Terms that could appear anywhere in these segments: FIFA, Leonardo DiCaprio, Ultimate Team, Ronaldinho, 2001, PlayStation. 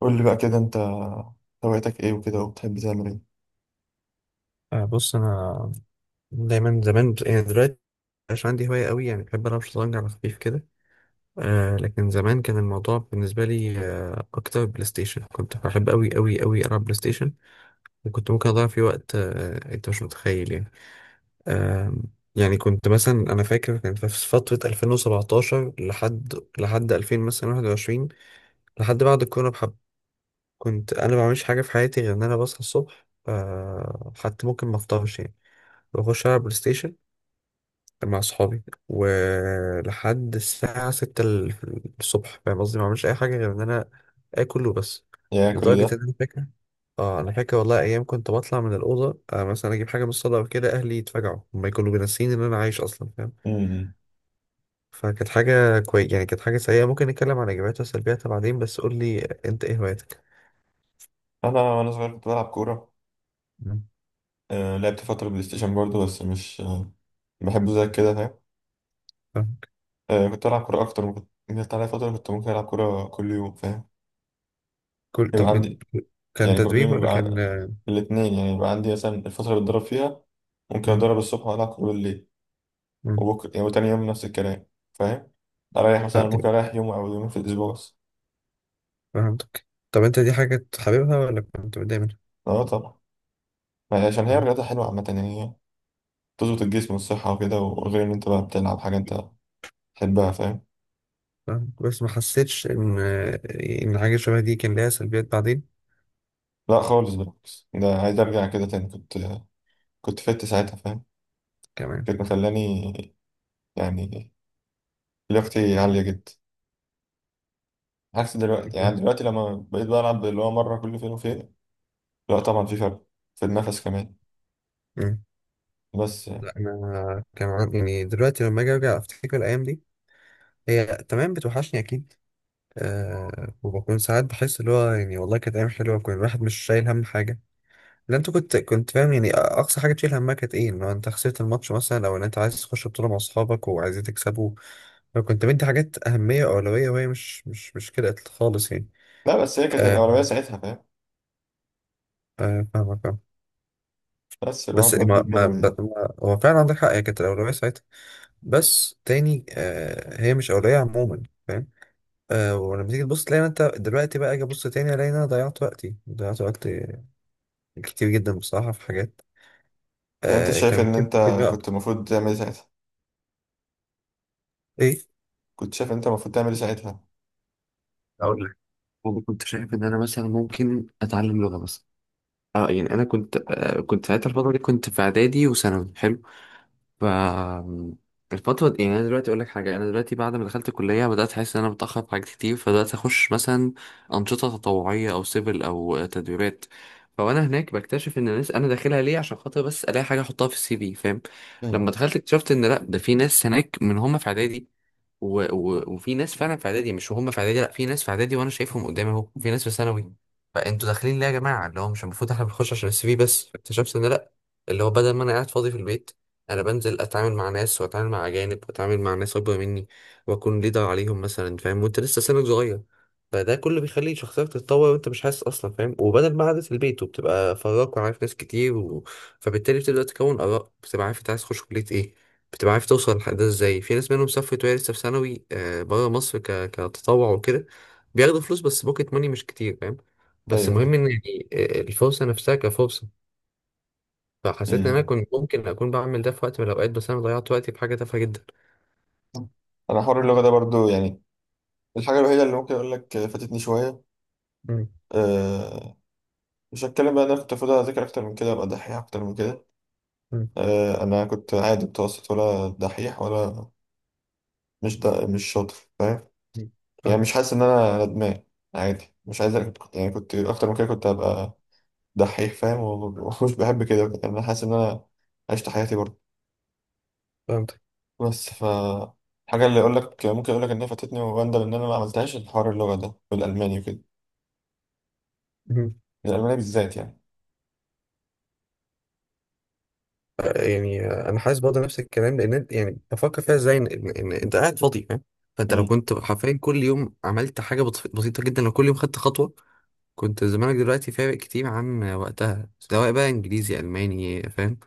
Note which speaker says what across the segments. Speaker 1: قول لي بقى كده انت هوايتك ايه وكده وبتحب تعمل ايه؟
Speaker 2: بص انا دايما زمان يعني دلوقتي مش عندي هوايه قوي، يعني بحب العب شطرنج على خفيف كده. لكن زمان كان الموضوع بالنسبه لي اكتر بلاي ستيشن، كنت بحب قوي قوي قوي العب بلاي ستيشن، وكنت ممكن اضيع فيه وقت، انت مش متخيل يعني. آه يعني كنت مثلا انا فاكر كان في فتره 2017 لحد 2000 مثلا 21، لحد بعد الكورونا بحب. كنت انا ما بعملش حاجه في حياتي غير ان انا بصحى الصبح، حتى ممكن ما افطرش يعني، بخش العب بلاي ستيشن، كان مع صحابي، ولحد الساعة ستة الصبح. فاهم قصدي؟ ما بعملش أي حاجة غير إن أنا آكل وبس.
Speaker 1: يا كل
Speaker 2: لدرجة
Speaker 1: ده.
Speaker 2: إن أنا فاكر، أنا فاكر والله أيام كنت بطلع من الأوضة، مثلا أجيب حاجة من الصالة أو كده، أهلي يتفاجعوا، هما كانوا بينسيني إن أنا عايش أصلا، فاهم.
Speaker 1: مم.
Speaker 2: فكانت حاجة كويس يعني، كانت حاجة سيئة ممكن نتكلم عن إيجابياتها وسلبياتها بعدين. بس قول لي أنت إيه هواياتك؟
Speaker 1: انا وانا صغير كنت بلعب كوره.
Speaker 2: مم.
Speaker 1: آه لعبت فتره بلاي ستيشن برضه بس مش بحبه زي كده، فاهم؟
Speaker 2: فاهم.
Speaker 1: آه كنت بلعب كوره اكتر، ممكن جت عليا فتره كنت ممكن العب كوره كل يوم، فاهم؟ يبقى
Speaker 2: طب
Speaker 1: عندي،
Speaker 2: كان
Speaker 1: يعني كل
Speaker 2: تدريب
Speaker 1: يوم
Speaker 2: ولا
Speaker 1: يبقى
Speaker 2: كان؟
Speaker 1: الاثنين، يعني يبقى عندي مثلا الفتره اللي بتدرب فيها ممكن
Speaker 2: مم.
Speaker 1: اتدرب الصبح والعب كوره بالليل،
Speaker 2: مم.
Speaker 1: وبكره يعني وتاني يوم نفس الكلام، فاهم؟ اريح مثلا،
Speaker 2: طيب.
Speaker 1: ممكن اريح يوم او يومين في الاسبوع بس.
Speaker 2: فهمتك. طب أنت دي حاجة حاببها ولا كنت متضايق منها؟
Speaker 1: اه طبعا، يعني عشان هي الرياضه حلوه عامه يعني، تظبط الجسم والصحة وكده، وغير إن أنت بقى بتلعب حاجة أنت تحبها، فاهم؟
Speaker 2: فاهمك. بس ما حسيتش ان حاجه شبه دي كان ليها سلبيات بعدين
Speaker 1: لا خالص، بالعكس ده عايز أرجع كده تاني. كنت كنت فت ساعتها، فاهم؟
Speaker 2: كمان.
Speaker 1: كانت مخلاني يعني لياقتي عالية جدا، عكس دلوقتي، يعني دلوقتي لما بقيت بلعب اللي هو مرة كل فين وفين. لا طبعا في فرق، في النفس كمان.
Speaker 2: مم.
Speaker 1: بس
Speaker 2: لا انا كان يعني دلوقتي لما اجي ارجع افتكر الايام دي، هي تمام بتوحشني اكيد. أه، وبكون ساعات بحس اللي هو يعني والله كانت ايام حلوه، كان الواحد مش شايل هم حاجه. لا انت كنت فاهم يعني، اقصى حاجه تشيل همها كانت ايه؟ ان هو انت خسرت الماتش مثلا، او ان انت عايز تخش بطوله مع اصحابك وعايزين تكسبوا. فكنت مدي حاجات اهميه واولويه وهي مش كده خالص يعني.
Speaker 1: لا، بس هي كانت
Speaker 2: أه.
Speaker 1: الأولوية ساعتها، فاهم؟
Speaker 2: أه، فاهمك.
Speaker 1: بس الواحد
Speaker 2: بس
Speaker 1: بقى
Speaker 2: ما
Speaker 1: بيكبر
Speaker 2: ما
Speaker 1: و... يعني
Speaker 2: ب- ما- هو فعلا عندك حق، هي كانت الأولوية ساعتها. بس تاني هي مش أولوية عموما، فاهم. ولما تيجي تبص تلاقي إن أنت دلوقتي بقى، أجي أبص تاني ألاقي إن أنا ضيعت وقتي، ضيعت وقت كتير جدا بصراحة في حاجات،
Speaker 1: أنت
Speaker 2: كان
Speaker 1: شايف إن
Speaker 2: ممكن
Speaker 1: أنت
Speaker 2: أفيد بيها
Speaker 1: كنت
Speaker 2: أكتر.
Speaker 1: المفروض تعمل إيه ساعتها؟
Speaker 2: إيه؟
Speaker 1: كنت شايف إن أنت المفروض تعمل إيه ساعتها؟
Speaker 2: اقول لك، انا كنت شايف ان انا مثلا ممكن اتعلم لغه مثلا. اه، يعني انا كنت كنت ساعتها الفتره دي كنت في اعدادي وثانوي حلو. ف الفترة دي، يعني أنا دلوقتي أقول لك حاجة، أنا دلوقتي بعد ما دخلت الكلية بدأت أحس إن أنا متأخر في حاجات كتير، فبدأت أخش مثلا أنشطة تطوعية أو سيفل أو تدريبات. فوأنا هناك بكتشف إن الناس أنا داخلها ليه عشان خاطر بس ألاقي حاجة أحطها في السي في، فاهم.
Speaker 1: مم.
Speaker 2: لما دخلت اكتشفت إن لأ، ده في ناس هناك من هما في إعدادي، و... وفي ناس فعلا في اعدادي، مش هم في اعدادي، لا في ناس في اعدادي وانا شايفهم قدامي اهو، وفي ناس في ثانوي. فانتوا داخلين ليه يا جماعه؟ اللي هو مش المفروض احنا بنخش عشان السي في بس. اكتشفت ان لا، اللي هو بدل ما انا قاعد فاضي في البيت، انا بنزل اتعامل مع ناس، واتعامل مع اجانب، واتعامل مع ناس اكبر مني، واكون ليدر عليهم مثلا، فاهم. وانت لسه سنك صغير، فده كله بيخلي شخصيتك تتطور وانت مش حاسس اصلا، فاهم. وبدل ما قعدت في البيت، وبتبقى فراك وعارف ناس كتير فبالتالي بتبدا تكون اراء، بتبقى عارف انت عايز تخش كليه ايه، بتبقى عارف توصل للحق ده ازاي. في ناس منهم سافرت وهي لسه في ثانوي، بره مصر، كتطوع وكده. بياخدوا فلوس بس بوكيت ماني مش كتير، فاهم. بس
Speaker 1: أيوه
Speaker 2: المهم
Speaker 1: فاهم.
Speaker 2: ان يعني الفرصه نفسها كفرصه. فحسيت ان انا
Speaker 1: مم.
Speaker 2: كنت ممكن اكون بعمل ده في وقت من الاوقات، بس انا ضيعت وقتي في حاجه تافهه جدا.
Speaker 1: أنا حوار اللغة ده برضو، يعني الحاجة الوحيدة اللي ممكن أقول لك فاتتني شوية.
Speaker 2: مم.
Speaker 1: أه مش هتكلم بقى، أنا كنت المفروض أذاكر أكتر من كده، أبقى دحيح أكتر من كده.
Speaker 2: مم.
Speaker 1: أه أنا كنت عادي متوسط، ولا دحيح ولا مش شاطر، فاهم؟
Speaker 2: مم.
Speaker 1: يعني مش
Speaker 2: فاهمك.
Speaker 1: حاسس إن أنا ندمان، عادي، مش عايز. أنا كنت يعني كنت أكتر من كده، كنت هبقى دحيح، فاهم؟ ومش بحب كده، يعني أنا حاسس إن أنا عشت حياتي برضه.
Speaker 2: فهمتك.
Speaker 1: بس ف الحاجة اللي أقول لك، ممكن أقول لك إن هي فاتتني وأندم إن أنا ما عملتهاش، الحوار اللغة ده والألماني وكده.
Speaker 2: مم.
Speaker 1: الألماني بالذات يعني.
Speaker 2: يعني انا حاسس برضه نفس الكلام لان يعني بفكر فيها ازاي ان إن انت قاعد فاضي، فاهم. فانت لو كنت حرفيا كل يوم عملت حاجه بسيطه جدا، لو كل يوم خدت خطوه، كنت زمانك دلوقتي فارق كتير عن وقتها، سواء بقى انجليزي الماني، فاهم.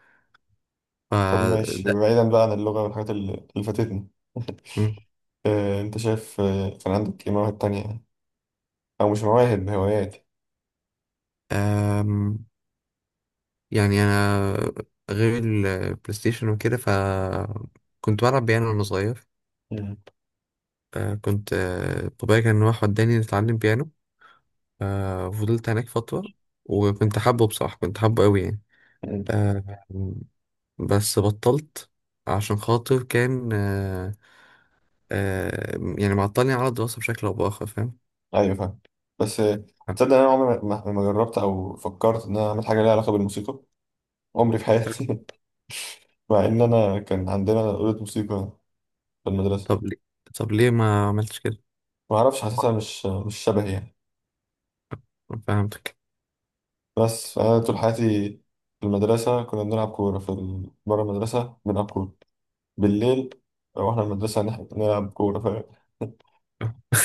Speaker 2: ف
Speaker 1: طب ماشي،
Speaker 2: ده.
Speaker 1: بعيدا بقى عن اللغة والحاجات اللي فاتتني.
Speaker 2: مم.
Speaker 1: آه، انت شايف آه، كان عندك ايه مواهب تانية يعني؟ او مش مواهب، هوايات.
Speaker 2: أم، يعني انا غير البلاي ستيشن وكده، كنت بلعب بيانو وانا صغير.
Speaker 1: مم.
Speaker 2: كنت بابايا كان راح وداني نتعلم بيانو. فضلت هناك فترة، وكنت حابه بصراحة كنت حابه قوي يعني.
Speaker 1: مم.
Speaker 2: أم، بس بطلت عشان خاطر كان أه، أه، يعني معطلني على الدراسة بشكل أو بآخر، فاهم.
Speaker 1: ايوه فاهم. بس آه، تصدق إن انا عمري ما جربت او فكرت ان انا اعمل حاجة ليها علاقة بالموسيقى، عمري في حياتي؟ مع ان انا كان عندنا أوضة موسيقى في المدرسة.
Speaker 2: طب ليه؟ ما عملتش كده؟
Speaker 1: ما اعرفش، حاسسها مش شبهي يعني.
Speaker 2: فهمتك.
Speaker 1: بس انا طول حياتي في المدرسة كنا بنلعب كورة في بره المدرسة بنلعب كورة بالليل، رحنا المدرسة نلعب كورة، فاهم؟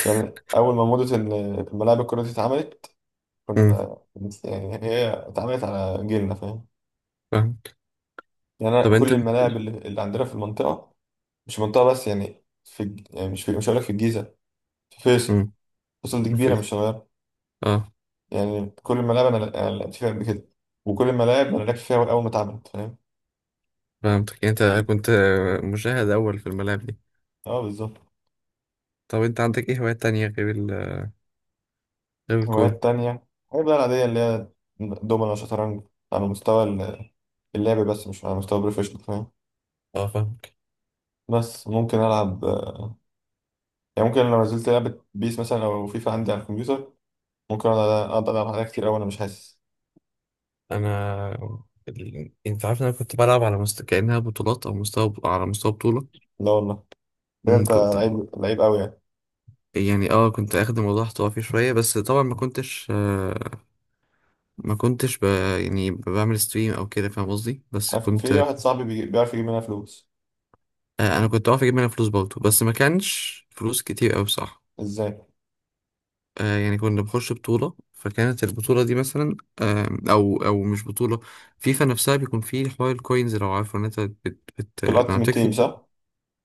Speaker 1: يعني أول ما موضة إن الملاعب الكرة دي اتعملت
Speaker 2: امم.
Speaker 1: كنا، يعني هي اتعملت على جيلنا، فاهم؟
Speaker 2: فهمك.
Speaker 1: يعني أنا
Speaker 2: طب
Speaker 1: كل
Speaker 2: انت
Speaker 1: الملاعب
Speaker 2: مفيش.
Speaker 1: اللي عندنا في المنطقة، مش منطقة بس، يعني في يعني مش في مش هقولك في الجيزة، في فيصل.
Speaker 2: امم.
Speaker 1: فيصل دي كبيرة مش
Speaker 2: رفيق.
Speaker 1: صغيرة.
Speaker 2: اه.
Speaker 1: يعني كل الملاعب أنا لعبت فيها قبل كده، وكل الملاعب أنا لعبت فيها أول ما اتعملت، فاهم؟
Speaker 2: فهمتك. انت كنت مشاهد اول في الملاعب دي.
Speaker 1: أه بالظبط.
Speaker 2: طب انت عندك ايه هوايات تانية غير غير الكورة؟
Speaker 1: هوايات تانية الحاجات بقى العادية اللي هي دومنا وشطرنج، على مستوى اللعب، بس مش على مستوى بروفيشنال، فاهم؟
Speaker 2: اه فاهمك.
Speaker 1: بس ممكن ألعب، يعني ممكن لو نزلت لعبة بيس مثلا أو فيفا عندي على الكمبيوتر، ممكن أقعد ألعب عليها كتير أوي، أنا مش حاسس.
Speaker 2: انا انت عارف ان انا كنت بلعب على كأنها بطولات او مستوى، على مستوى بطولة.
Speaker 1: لا والله، ده
Speaker 2: امم.
Speaker 1: أنت
Speaker 2: كنت
Speaker 1: لعيب لعيب أوي يعني.
Speaker 2: يعني، اه كنت اخد الموضوع احتراف فيه شوية بس طبعا ما كنتش ما كنتش يعني بعمل ستريم او كده، فاهم قصدي؟ بس
Speaker 1: عارف
Speaker 2: كنت
Speaker 1: في واحد صاحبي بيعرف يجيب منها فلوس.
Speaker 2: انا كنت بعرف اجيب منها فلوس برضه، بس ما كانش فلوس كتير قوي بصراحه.
Speaker 1: إزاي؟
Speaker 2: يعني كنا بنخش بطوله، فكانت البطوله دي مثلا او مش بطوله، فيفا نفسها بيكون فيه حوار الكوينز. لو عارفه ان انت
Speaker 1: في
Speaker 2: لما
Speaker 1: الألتيمت تيم
Speaker 2: بتكسب.
Speaker 1: صح؟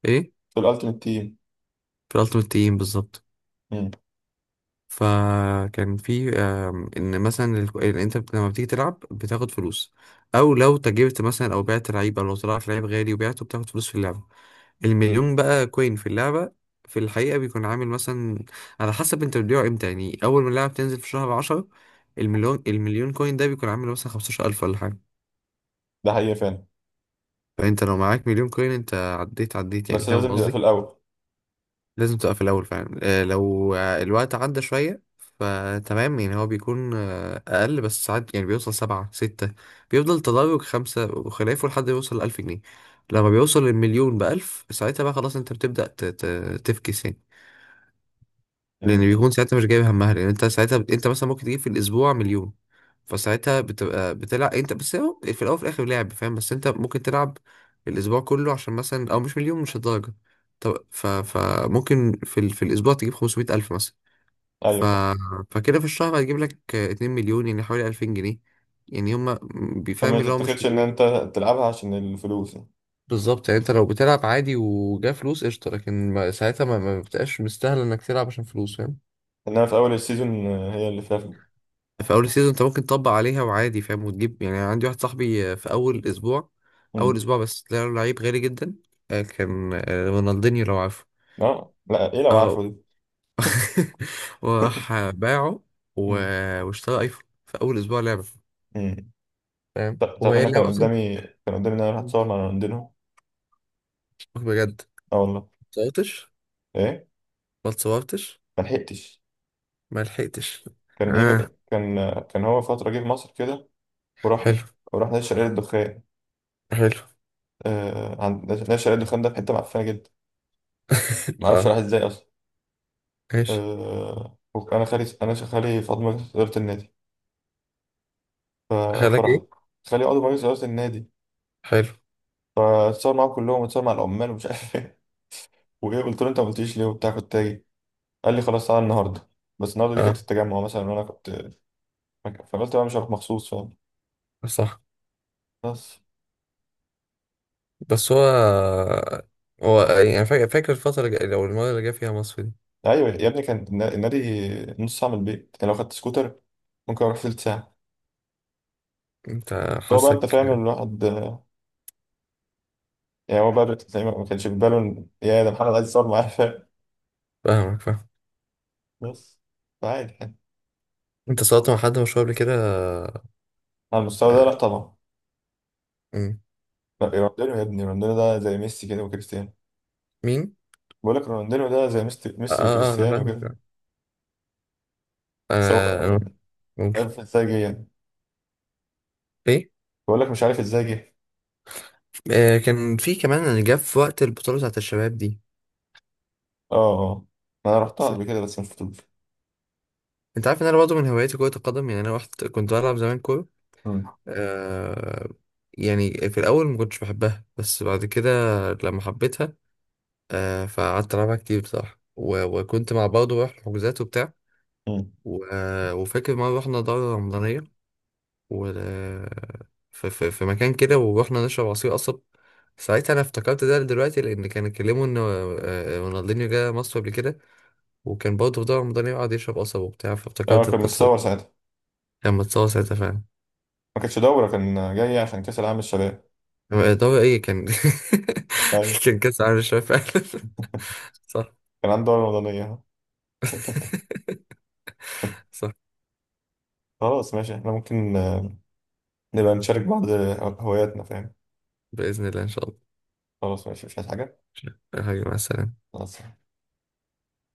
Speaker 2: ايه؟
Speaker 1: في الألتيمت تيم.
Speaker 2: في الالتيميت تيم بالظبط.
Speaker 1: مم.
Speaker 2: فكان في ان مثلا إن لما بتيجي تلعب بتاخد فلوس، او لو تجربت مثلا، او بعت لعيب، او لو طلعت لعيب غالي وبعته، بتاخد فلوس في اللعبه. المليون بقى كوين في اللعبة في الحقيقة بيكون عامل مثلا، على حسب انت بتبيعه امتى. يعني أول ما اللعبة بتنزل في شهر عشرة، المليون كوين ده بيكون عامل مثلا خمستاشر ألف ولا حاجة.
Speaker 1: ده حقيقة فعلا.
Speaker 2: فأنت لو معاك مليون كوين، أنت عديت، عديت يعني،
Speaker 1: بس
Speaker 2: فاهم
Speaker 1: لازم تبقى في
Speaker 2: قصدي؟
Speaker 1: الأول.
Speaker 2: لازم تبقى في الأول فعلا. آه، لو الوقت عدى شوية فتمام، يعني هو بيكون أقل بس ساعات. يعني بيوصل سبعة، ستة، بيفضل تدرج خمسة وخلافه لحد ما يوصل ألف جنيه. لما بيوصل المليون بألف، ساعتها بقى خلاص، أنت بتبدأ تفكس يعني.
Speaker 1: مم.
Speaker 2: لان
Speaker 1: مم.
Speaker 2: بيكون ساعتها مش جايب همها، لان انت ساعتها انت مثلا ممكن تجيب في الاسبوع مليون. فساعتها بتبقى بتلعب انت بس، هو في الاول وفي الاخر لعب، فاهم. بس انت ممكن تلعب الاسبوع كله، عشان مثلا، مش مليون مش الدرجه. طب فممكن في في الاسبوع تجيب 500 الف مثلا. ف...
Speaker 1: أيوة فاهم.
Speaker 2: فكده في الشهر هتجيب لك 2 مليون، يعني حوالي 2000 جنيه يعني. هما بيفهم
Speaker 1: فما
Speaker 2: اللي هو مش
Speaker 1: تتاخدش إن أنت
Speaker 2: حلوين.
Speaker 1: تلعبها عشان الفلوس يعني.
Speaker 2: بالظبط يعني، انت لو بتلعب عادي وجا فلوس قشطه، لكن ساعتها ما بتبقاش مستاهل انك تلعب عشان فلوس، فاهم.
Speaker 1: إنما في أول السيزون آه، هي اللي فيها فلوس.
Speaker 2: في اول السيزون انت ممكن تطبق عليها وعادي، فاهم، وتجيب. يعني عندي واحد صاحبي في اول اسبوع، اول
Speaker 1: مم.
Speaker 2: اسبوع بس طلع له لعيب غالي جدا، كان رونالدينيو، لو عارفه.
Speaker 1: أه لا إيه لو عارفه
Speaker 2: اه.
Speaker 1: دي.
Speaker 2: وراح باعه،
Speaker 1: مم.
Speaker 2: واشترى ايفون في اول اسبوع لعبه،
Speaker 1: مم.
Speaker 2: فاهم.
Speaker 1: تعرف إن
Speaker 2: وهي
Speaker 1: أنا كان
Speaker 2: اللعبه اصلا.
Speaker 1: قدامي، كان قدامي إن أنا أروح أتصور مع رونالدينو.
Speaker 2: بجد؟ ما
Speaker 1: أه والله.
Speaker 2: اتصورتش.
Speaker 1: ايه؟
Speaker 2: ما اتصورتش.
Speaker 1: ما لحقتش.
Speaker 2: ما لحقتش.
Speaker 1: كان
Speaker 2: اه.
Speaker 1: ايه، كان كان فتره جه في مصر كده، ورحنا،
Speaker 2: حلو.
Speaker 1: ورحنا نادي شرقية الدخان.
Speaker 2: حلو.
Speaker 1: آه عند نادي شرقية الدخان ده، في حته معفنه جدا، ما اعرفش
Speaker 2: اه.
Speaker 1: راح ازاي اصلا.
Speaker 2: ماشي.
Speaker 1: آه وانا خالي، انا خالي فاضل مجلس اداره النادي، ف-
Speaker 2: خلاك
Speaker 1: فرحت.
Speaker 2: ايه.
Speaker 1: خالي عضو مجلس اداره النادي،
Speaker 2: حلو.
Speaker 1: فاتصور معاهم كلهم، واتصور مع العمال ومش عارف ايه. وايه قلت له انت ما قلتليش ليه وبتاع كنت تاجي؟ قال لي خلاص تعالى النهارده. بس النهارده دي كانت
Speaker 2: اه.
Speaker 1: في التجمع مثلا وانا كنت، فقلت بقى مش هروح مخصوص، فاهم؟
Speaker 2: صح.
Speaker 1: بس
Speaker 2: بس هو، فاكر الفترة لو المرة اللي جه فيها مصر دي.
Speaker 1: ايوه يا ابني، كان النادي نص ساعه من البيت، يعني لو خدت سكوتر ممكن اروح تلت ساعه.
Speaker 2: انت.
Speaker 1: فهو بقى انت
Speaker 2: حاسك.
Speaker 1: فاهم الواحد آه، يعني هو بقى زي ما ما كانش في باله يا ده محمد عايز يصور معايا، فاهم؟
Speaker 2: فاهمك. فاهم.
Speaker 1: بس فعادي يعني.
Speaker 2: انت صورت مع حد مشهور قبل كده؟
Speaker 1: على المستوى ده لا طبعا.
Speaker 2: مم.
Speaker 1: لا رونالدينيو يا ابني، رونالدينيو ده زي ميسي كده وكريستيانو.
Speaker 2: مين؟
Speaker 1: بقول لك رونالدينيو ده زي ميسي
Speaker 2: اه،
Speaker 1: ميسي
Speaker 2: اه، انا
Speaker 1: وكريستيانو كده.
Speaker 2: فاهمك.
Speaker 1: سواء
Speaker 2: انا.
Speaker 1: مش
Speaker 2: ممكن.
Speaker 1: عارف ازاي جه يعني.
Speaker 2: ايه؟
Speaker 1: بقول لك مش عارف ازاي جه.
Speaker 2: كان في كمان اللي جه في وقت البطولة بتاعت الشباب دي.
Speaker 1: اه اه آه. انا رحتها
Speaker 2: صح.
Speaker 1: قبل كده بس مش فضول.
Speaker 2: انت عارف ان انا برضه من هواياتي كرة القدم. يعني انا رحت كنت بلعب زمان كورة.
Speaker 1: امم.
Speaker 2: آه، يعني في الاول ما كنتش بحبها، بس بعد كده لما حبيتها، آه، فقعدت ألعبها كتير بصراحة. وكنت مع برضه بروح حجوزات وبتاع.
Speaker 1: امم.
Speaker 2: و... وفاكر مرة رحنا دورة رمضانية و... في... مكان كده، ورحنا نشرب عصير قصب. ساعتها أنا افتكرت ده دلوقتي، لأن كانوا اتكلموا إن رونالدينيو جه مصر قبل كده، وكان برضه في دورة رمضانية، وقعد يشرب قصب وبتاع،
Speaker 1: اه
Speaker 2: فافتكرت
Speaker 1: كان
Speaker 2: القصة دي.
Speaker 1: متصور ساعتها.
Speaker 2: كان متصور ساعتها فعلا.
Speaker 1: ما كانش دوره، كان جاي عشان كاس العالم الشباب.
Speaker 2: دورة إيه كان،
Speaker 1: ايوه،
Speaker 2: كان كأس عالم الشباب فعلا. صح.
Speaker 1: كان عندي دورة رمضانية.
Speaker 2: صح.
Speaker 1: خلاص ماشي، احنا ممكن آه، نبقى نشارك بعض هواياتنا، فاهم؟
Speaker 2: بإذن الله إن شاء الله.
Speaker 1: خلاص ماشي، مش عايز حاجة.
Speaker 2: حبيبي مع السلامة.
Speaker 1: خلاص.